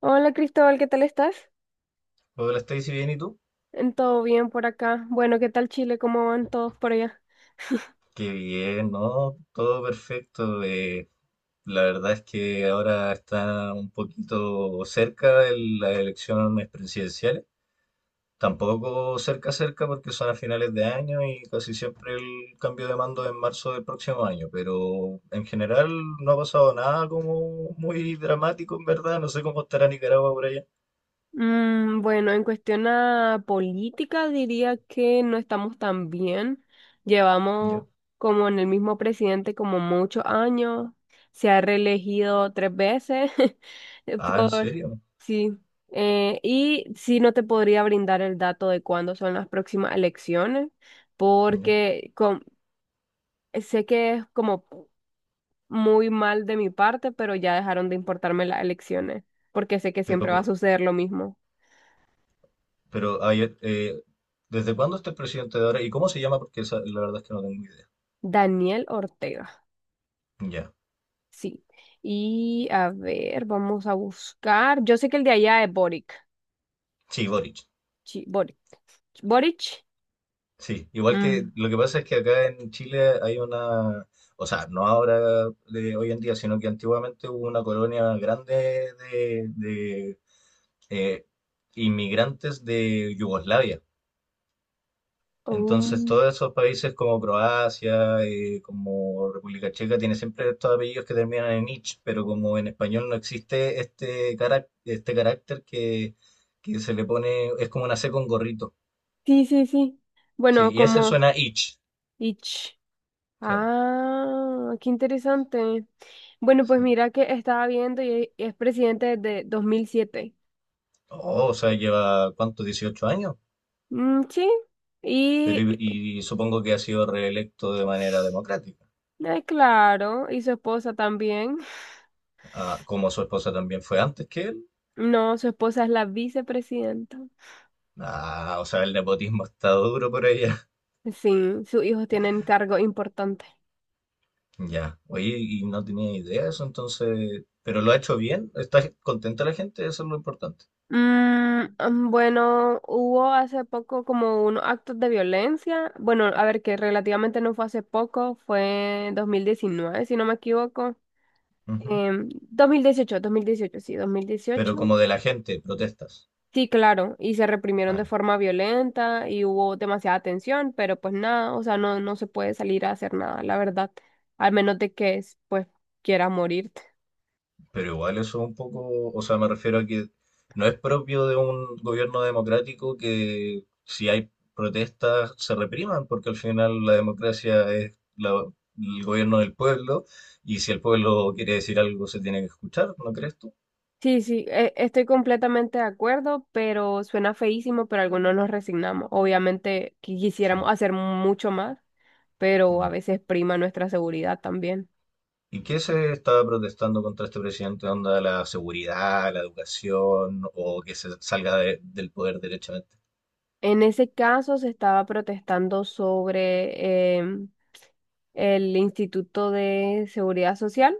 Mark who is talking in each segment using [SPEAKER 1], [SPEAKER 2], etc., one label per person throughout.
[SPEAKER 1] Hola Cristóbal, ¿qué tal estás?
[SPEAKER 2] Hola Stacy, bien, ¿y tú?
[SPEAKER 1] En ¿Todo bien por acá? Bueno, ¿qué tal Chile? ¿Cómo van todos por allá?
[SPEAKER 2] Qué bien, ¿no? Todo perfecto. La verdad es que ahora está un poquito cerca de las elecciones presidenciales. Tampoco cerca, cerca, porque son a finales de año y casi siempre el cambio de mando es en marzo del próximo año. Pero en general no ha pasado nada como muy dramático, en verdad. No sé cómo estará Nicaragua por allá.
[SPEAKER 1] Bueno, en cuestión a política diría que no estamos tan bien.
[SPEAKER 2] Ya.
[SPEAKER 1] Llevamos como en el mismo presidente como muchos años. Se ha reelegido tres veces eh,
[SPEAKER 2] Ah, ¿en
[SPEAKER 1] por...
[SPEAKER 2] serio?
[SPEAKER 1] Sí. Y sí, no te podría brindar el dato de cuándo son las próximas elecciones
[SPEAKER 2] Ya.
[SPEAKER 1] porque... con- Sé que es como muy mal de mi parte, pero ya dejaron de importarme las elecciones, porque sé que
[SPEAKER 2] Pero
[SPEAKER 1] siempre va a
[SPEAKER 2] ¿por qué?
[SPEAKER 1] suceder lo mismo.
[SPEAKER 2] Pero, ay, ¿desde cuándo está el presidente de ahora? ¿Y cómo se llama? Porque la verdad es que no tengo idea.
[SPEAKER 1] Daniel Ortega,
[SPEAKER 2] Ya.
[SPEAKER 1] sí. Y a ver, vamos a buscar. Yo sé que el de allá es Boric.
[SPEAKER 2] Sí, Boric.
[SPEAKER 1] Sí, Boric. Boric.
[SPEAKER 2] Sí, igual que
[SPEAKER 1] Mm.
[SPEAKER 2] lo que pasa es que acá en Chile hay una, o sea, no ahora de hoy en día, sino que antiguamente hubo una colonia grande de, eh, inmigrantes de Yugoslavia. Entonces,
[SPEAKER 1] Mm,
[SPEAKER 2] todos esos países como Croacia, como República Checa, tienen siempre estos apellidos que terminan en ich, pero como en español no existe este, este carácter que se le pone, es como una C con gorrito.
[SPEAKER 1] sí, sí, sí.
[SPEAKER 2] Sí,
[SPEAKER 1] Bueno,
[SPEAKER 2] y ese
[SPEAKER 1] como
[SPEAKER 2] suena ich,
[SPEAKER 1] Ich.
[SPEAKER 2] claro.
[SPEAKER 1] Ah, qué interesante. Bueno, pues
[SPEAKER 2] Sí.
[SPEAKER 1] mira que estaba viendo y es presidente desde 2007.
[SPEAKER 2] Oh, o sea, lleva, ¿cuánto? 18 años.
[SPEAKER 1] Mm, sí.
[SPEAKER 2] Pero
[SPEAKER 1] Y.
[SPEAKER 2] y, y supongo que ha sido reelecto de manera democrática.
[SPEAKER 1] Ay, claro, y su esposa también.
[SPEAKER 2] Ah, como su esposa también fue antes que él.
[SPEAKER 1] No, su esposa es la vicepresidenta.
[SPEAKER 2] Ah, o sea, el nepotismo está duro por ahí.
[SPEAKER 1] Sí, sus hijos tienen cargo importante.
[SPEAKER 2] Ya, oye, y no tenía idea de eso, entonces, pero lo ha hecho bien, está contenta la gente, eso es lo importante.
[SPEAKER 1] Bueno, hubo hace poco como unos actos de violencia. Bueno, a ver, que relativamente no fue hace poco, fue 2019 si no me equivoco.
[SPEAKER 2] Ujú.
[SPEAKER 1] Em, dos mil dieciocho, sí, dos mil
[SPEAKER 2] Pero
[SPEAKER 1] dieciocho
[SPEAKER 2] como de la gente, protestas.
[SPEAKER 1] Sí, claro, y se reprimieron de
[SPEAKER 2] Vale.
[SPEAKER 1] forma violenta y hubo demasiada tensión, pero pues nada, o sea, no, no se puede salir a hacer nada, la verdad, al menos de que pues quieras morirte.
[SPEAKER 2] Pero igual eso es un poco, o sea, me refiero a que no es propio de un gobierno democrático que si hay protestas se repriman, porque al final la democracia es el gobierno del pueblo y si el pueblo quiere decir algo se tiene que escuchar, ¿no crees tú?
[SPEAKER 1] Sí, sí, estoy completamente de acuerdo, pero suena feísimo, pero algunos nos resignamos. Obviamente que
[SPEAKER 2] Sí,
[SPEAKER 1] quisiéramos hacer mucho más, pero a
[SPEAKER 2] ya.
[SPEAKER 1] veces prima nuestra seguridad también.
[SPEAKER 2] ¿Y qué se estaba protestando contra este presidente? ¿Onda la seguridad, la educación o que se salga del poder derechamente?
[SPEAKER 1] En ese caso se estaba protestando sobre el Instituto de Seguridad Social.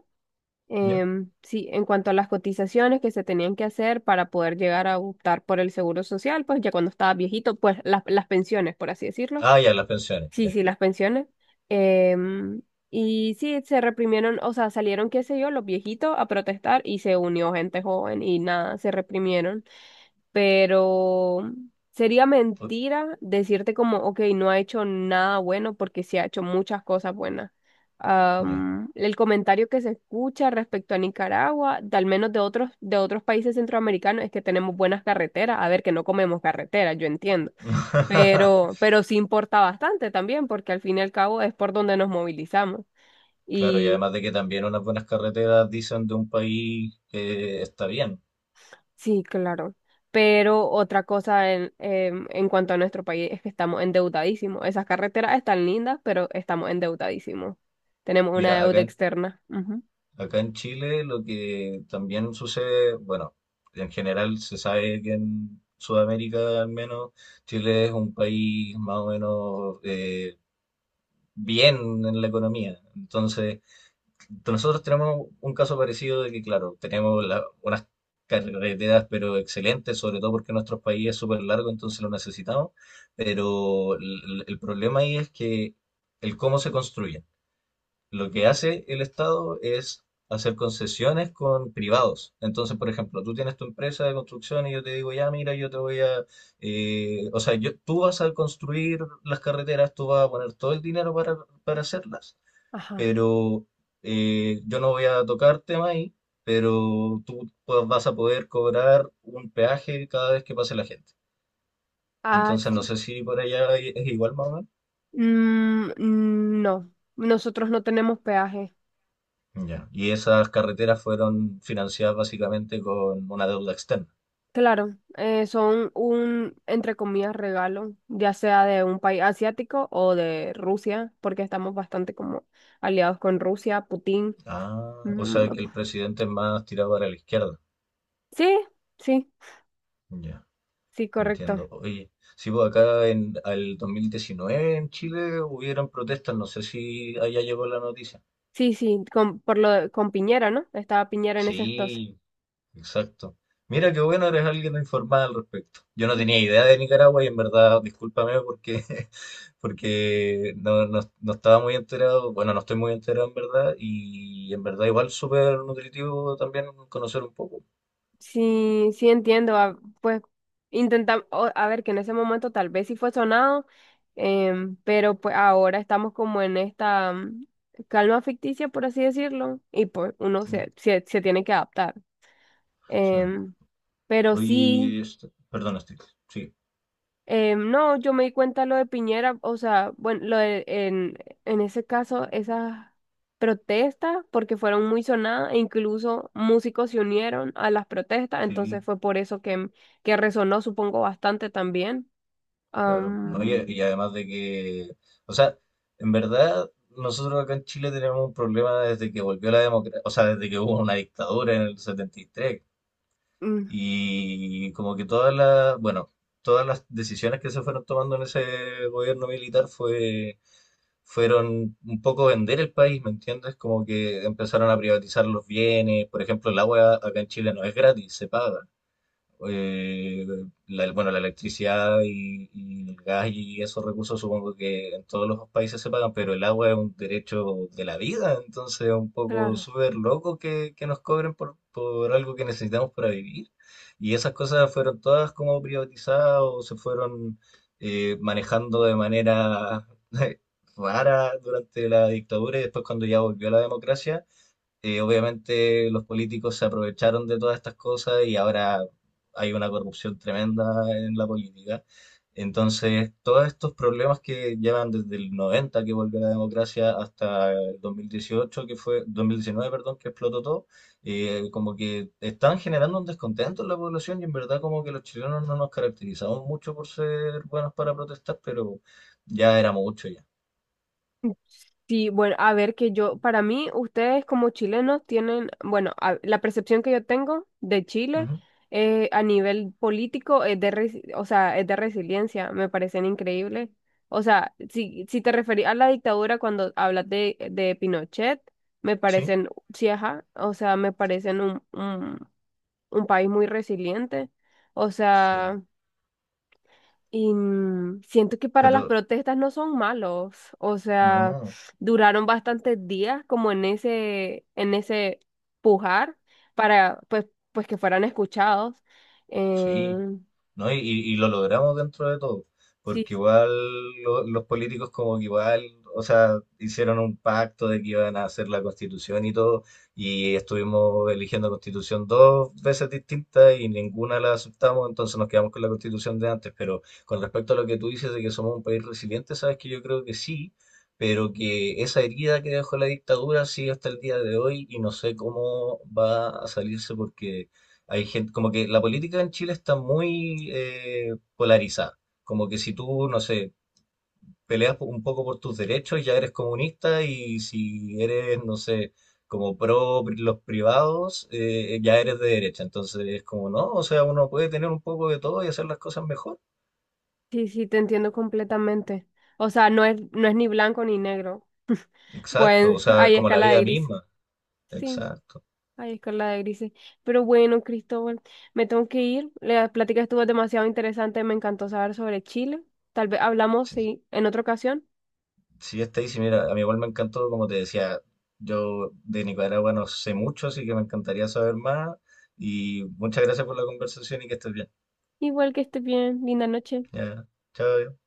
[SPEAKER 2] ¿Ya?
[SPEAKER 1] Sí, en cuanto a las cotizaciones que se tenían que hacer para poder llegar a optar por el seguro social, pues ya cuando estaba viejito, pues las pensiones, por así decirlo.
[SPEAKER 2] Ah, ya, las pensiones,
[SPEAKER 1] Sí,
[SPEAKER 2] ya.
[SPEAKER 1] sí, las pensiones. Em, y sí, se reprimieron, o sea, salieron, qué sé yo, los viejitos a protestar y se unió gente joven y nada, se reprimieron pero sería
[SPEAKER 2] Uy,
[SPEAKER 1] mentira decirte como, ok, no ha hecho nada bueno porque sí ha hecho muchas cosas buenas.
[SPEAKER 2] ya.
[SPEAKER 1] El comentario que se escucha respecto a Nicaragua, de al menos de otros países centroamericanos, es que tenemos buenas carreteras. A ver, que no comemos carreteras, yo entiendo. Pero, pero sí importa bastante también, porque al fin y al cabo es por donde nos movilizamos.
[SPEAKER 2] Claro, y
[SPEAKER 1] Y.
[SPEAKER 2] además de que también unas buenas carreteras dicen de un país que está bien.
[SPEAKER 1] Sí, claro. Pero otra cosa en cuanto a nuestro país es que estamos endeudadísimos. Esas carreteras están lindas, pero estamos endeudadísimos. Tenemos una
[SPEAKER 2] Mira, acá
[SPEAKER 1] deuda
[SPEAKER 2] en,
[SPEAKER 1] externa. Ujú.
[SPEAKER 2] acá en Chile lo que también sucede, bueno, en general se sabe que en Sudamérica al menos Chile es un país más o menos, bien en la economía. Entonces, nosotros tenemos un caso parecido de que, claro, tenemos unas carreteras, pero excelentes, sobre todo porque nuestro país es súper largo, entonces lo necesitamos, pero el problema ahí es que el cómo se construyen. Lo que hace el Estado es hacer concesiones con privados. Entonces, por ejemplo, tú tienes tu empresa de construcción y yo te digo, ya, mira, yo te voy a, o sea, yo, tú vas a construir las carreteras, tú vas a poner todo el dinero para hacerlas,
[SPEAKER 1] Ajá.
[SPEAKER 2] pero yo no voy a tocar tema ahí, pero tú pues, vas a poder cobrar un peaje cada vez que pase la gente.
[SPEAKER 1] Ah,
[SPEAKER 2] Entonces, no
[SPEAKER 1] sí.
[SPEAKER 2] sé si por allá es igual, más o menos.
[SPEAKER 1] Mm, no, nosotros no tenemos peaje.
[SPEAKER 2] Ya. Y esas carreteras fueron financiadas básicamente con una deuda externa.
[SPEAKER 1] Claro, son un, entre comillas, regalo, ya sea de un país asiático o de Rusia, porque estamos bastante como aliados con Rusia, Putin.
[SPEAKER 2] Ah, o
[SPEAKER 1] Mm,
[SPEAKER 2] sea que el presidente es más tirado para la izquierda.
[SPEAKER 1] sí, sí,
[SPEAKER 2] Ya,
[SPEAKER 1] sí, correcto.
[SPEAKER 2] entiendo. Oye, si pues acá en el 2019 en Chile hubieron protestas, no sé si allá llegó la noticia.
[SPEAKER 1] Sí, sí, con, por lo, de- con Piñera, ¿no? Estaba Piñera en ese entonces.
[SPEAKER 2] Sí, exacto. Mira qué bueno, eres alguien informado al respecto. Yo no tenía idea de Nicaragua y en verdad, discúlpame porque, porque no estaba muy enterado, bueno, no estoy muy enterado en verdad y en verdad igual súper nutritivo también conocer un poco.
[SPEAKER 1] Sí, sí entiendo, pues intentamos, a ver, que en ese momento tal vez sí fue sonado, pero pues ahora estamos como en esta calma ficticia, por así decirlo, y pues uno
[SPEAKER 2] Ya,
[SPEAKER 1] se tiene que adaptar.
[SPEAKER 2] sí.
[SPEAKER 1] Em, pero sí.
[SPEAKER 2] Oye, perdón, Steve. Sí,
[SPEAKER 1] No, yo me di cuenta lo de Piñera, o sea, bueno, lo de, en ese caso, esas protestas, porque fueron muy sonadas, e incluso músicos se unieron a las protestas,
[SPEAKER 2] sí,
[SPEAKER 1] entonces fue por eso que resonó, supongo, bastante también.
[SPEAKER 2] claro. No, y,
[SPEAKER 1] Am,
[SPEAKER 2] y además de que, o sea, en verdad, nosotros acá en Chile tenemos un problema desde que volvió la democracia, o sea, desde que hubo una dictadura en el 73,
[SPEAKER 1] mm,
[SPEAKER 2] y como que todas las, bueno, todas las decisiones que se fueron tomando en ese gobierno militar fue, fueron un poco vender el país, ¿me entiendes? Como que empezaron a privatizar los bienes, por ejemplo, el agua acá en Chile no es gratis, se paga eh, bueno, la electricidad y el gas y esos recursos supongo que en todos los países se pagan, pero el agua es un derecho de la vida, entonces es un poco
[SPEAKER 1] claro.
[SPEAKER 2] súper loco que nos cobren por algo que necesitamos para vivir. Y esas cosas fueron todas como privatizadas o se fueron manejando de manera rara durante la dictadura y después cuando ya volvió la democracia obviamente los políticos se aprovecharon de todas estas cosas y ahora hay una corrupción tremenda en la política. Entonces, todos estos problemas que llevan desde el 90 que volvió la democracia hasta el 2019 perdón, que explotó todo, como que están generando un descontento en la población y en verdad como que los chilenos no nos caracterizamos mucho por ser buenos para protestar, pero ya era mucho ya.
[SPEAKER 1] Sí, bueno, a ver que yo, para mí, ustedes como chilenos tienen, bueno, la percepción que yo tengo de Chile
[SPEAKER 2] Ujú,
[SPEAKER 1] a nivel político es de, o sea, es de resiliencia, me parecen increíbles. O sea, si, si te referís a la dictadura cuando hablas de Pinochet, me
[SPEAKER 2] sí,
[SPEAKER 1] parecen, sí, ajá, o sea, me parecen un, país muy resiliente. O
[SPEAKER 2] sí,
[SPEAKER 1] sea. Y siento que para las
[SPEAKER 2] pero
[SPEAKER 1] protestas no son malos, o sea,
[SPEAKER 2] no,
[SPEAKER 1] duraron bastantes días como en ese, pujar para pues que fueran escuchados.
[SPEAKER 2] sí.
[SPEAKER 1] Eh,
[SPEAKER 2] ¿No? Y lo logramos dentro de todo,
[SPEAKER 1] sí,
[SPEAKER 2] porque igual los políticos como que igual, o sea, hicieron un pacto de que iban a hacer la constitución y todo, y estuvimos eligiendo constitución dos veces distintas y ninguna la aceptamos, entonces nos quedamos con la constitución de antes, pero con respecto a lo que tú dices de que somos un país resiliente, sabes que yo creo que sí. Pero que esa herida que dejó la dictadura sigue hasta el día de hoy y no sé cómo va a salirse porque hay gente, como que la política en Chile está muy polarizada. Como que si tú, no sé, un poco por tus derechos, ya eres comunista y si eres, no sé, como los privados, ya eres de derecha. Entonces es como, no, o sea, uno puede tener un poco de todo y hacer las cosas mejor.
[SPEAKER 1] sí, sí, te entiendo completamente. O sea, no es ni blanco ni negro,
[SPEAKER 2] Exacto, o
[SPEAKER 1] pues
[SPEAKER 2] sea,
[SPEAKER 1] hay
[SPEAKER 2] como la
[SPEAKER 1] escala de
[SPEAKER 2] vida
[SPEAKER 1] gris.
[SPEAKER 2] misma.
[SPEAKER 1] Sí.
[SPEAKER 2] Exacto.
[SPEAKER 1] Ay, escala de grises. Pero bueno, Cristóbal, me tengo que ir. La plática estuvo demasiado interesante. Me encantó saber sobre Chile. Tal vez hablamos,
[SPEAKER 2] Sí.
[SPEAKER 1] sí, en otra ocasión.
[SPEAKER 2] Sí, está ahí. Sí, mira, a mí igual me encantó, como te decía, yo de Nicaragua no sé mucho, así que me encantaría saber más. Y muchas gracias por la conversación y que estés bien.
[SPEAKER 1] Igual que estés bien. Linda noche.
[SPEAKER 2] Ya, chao.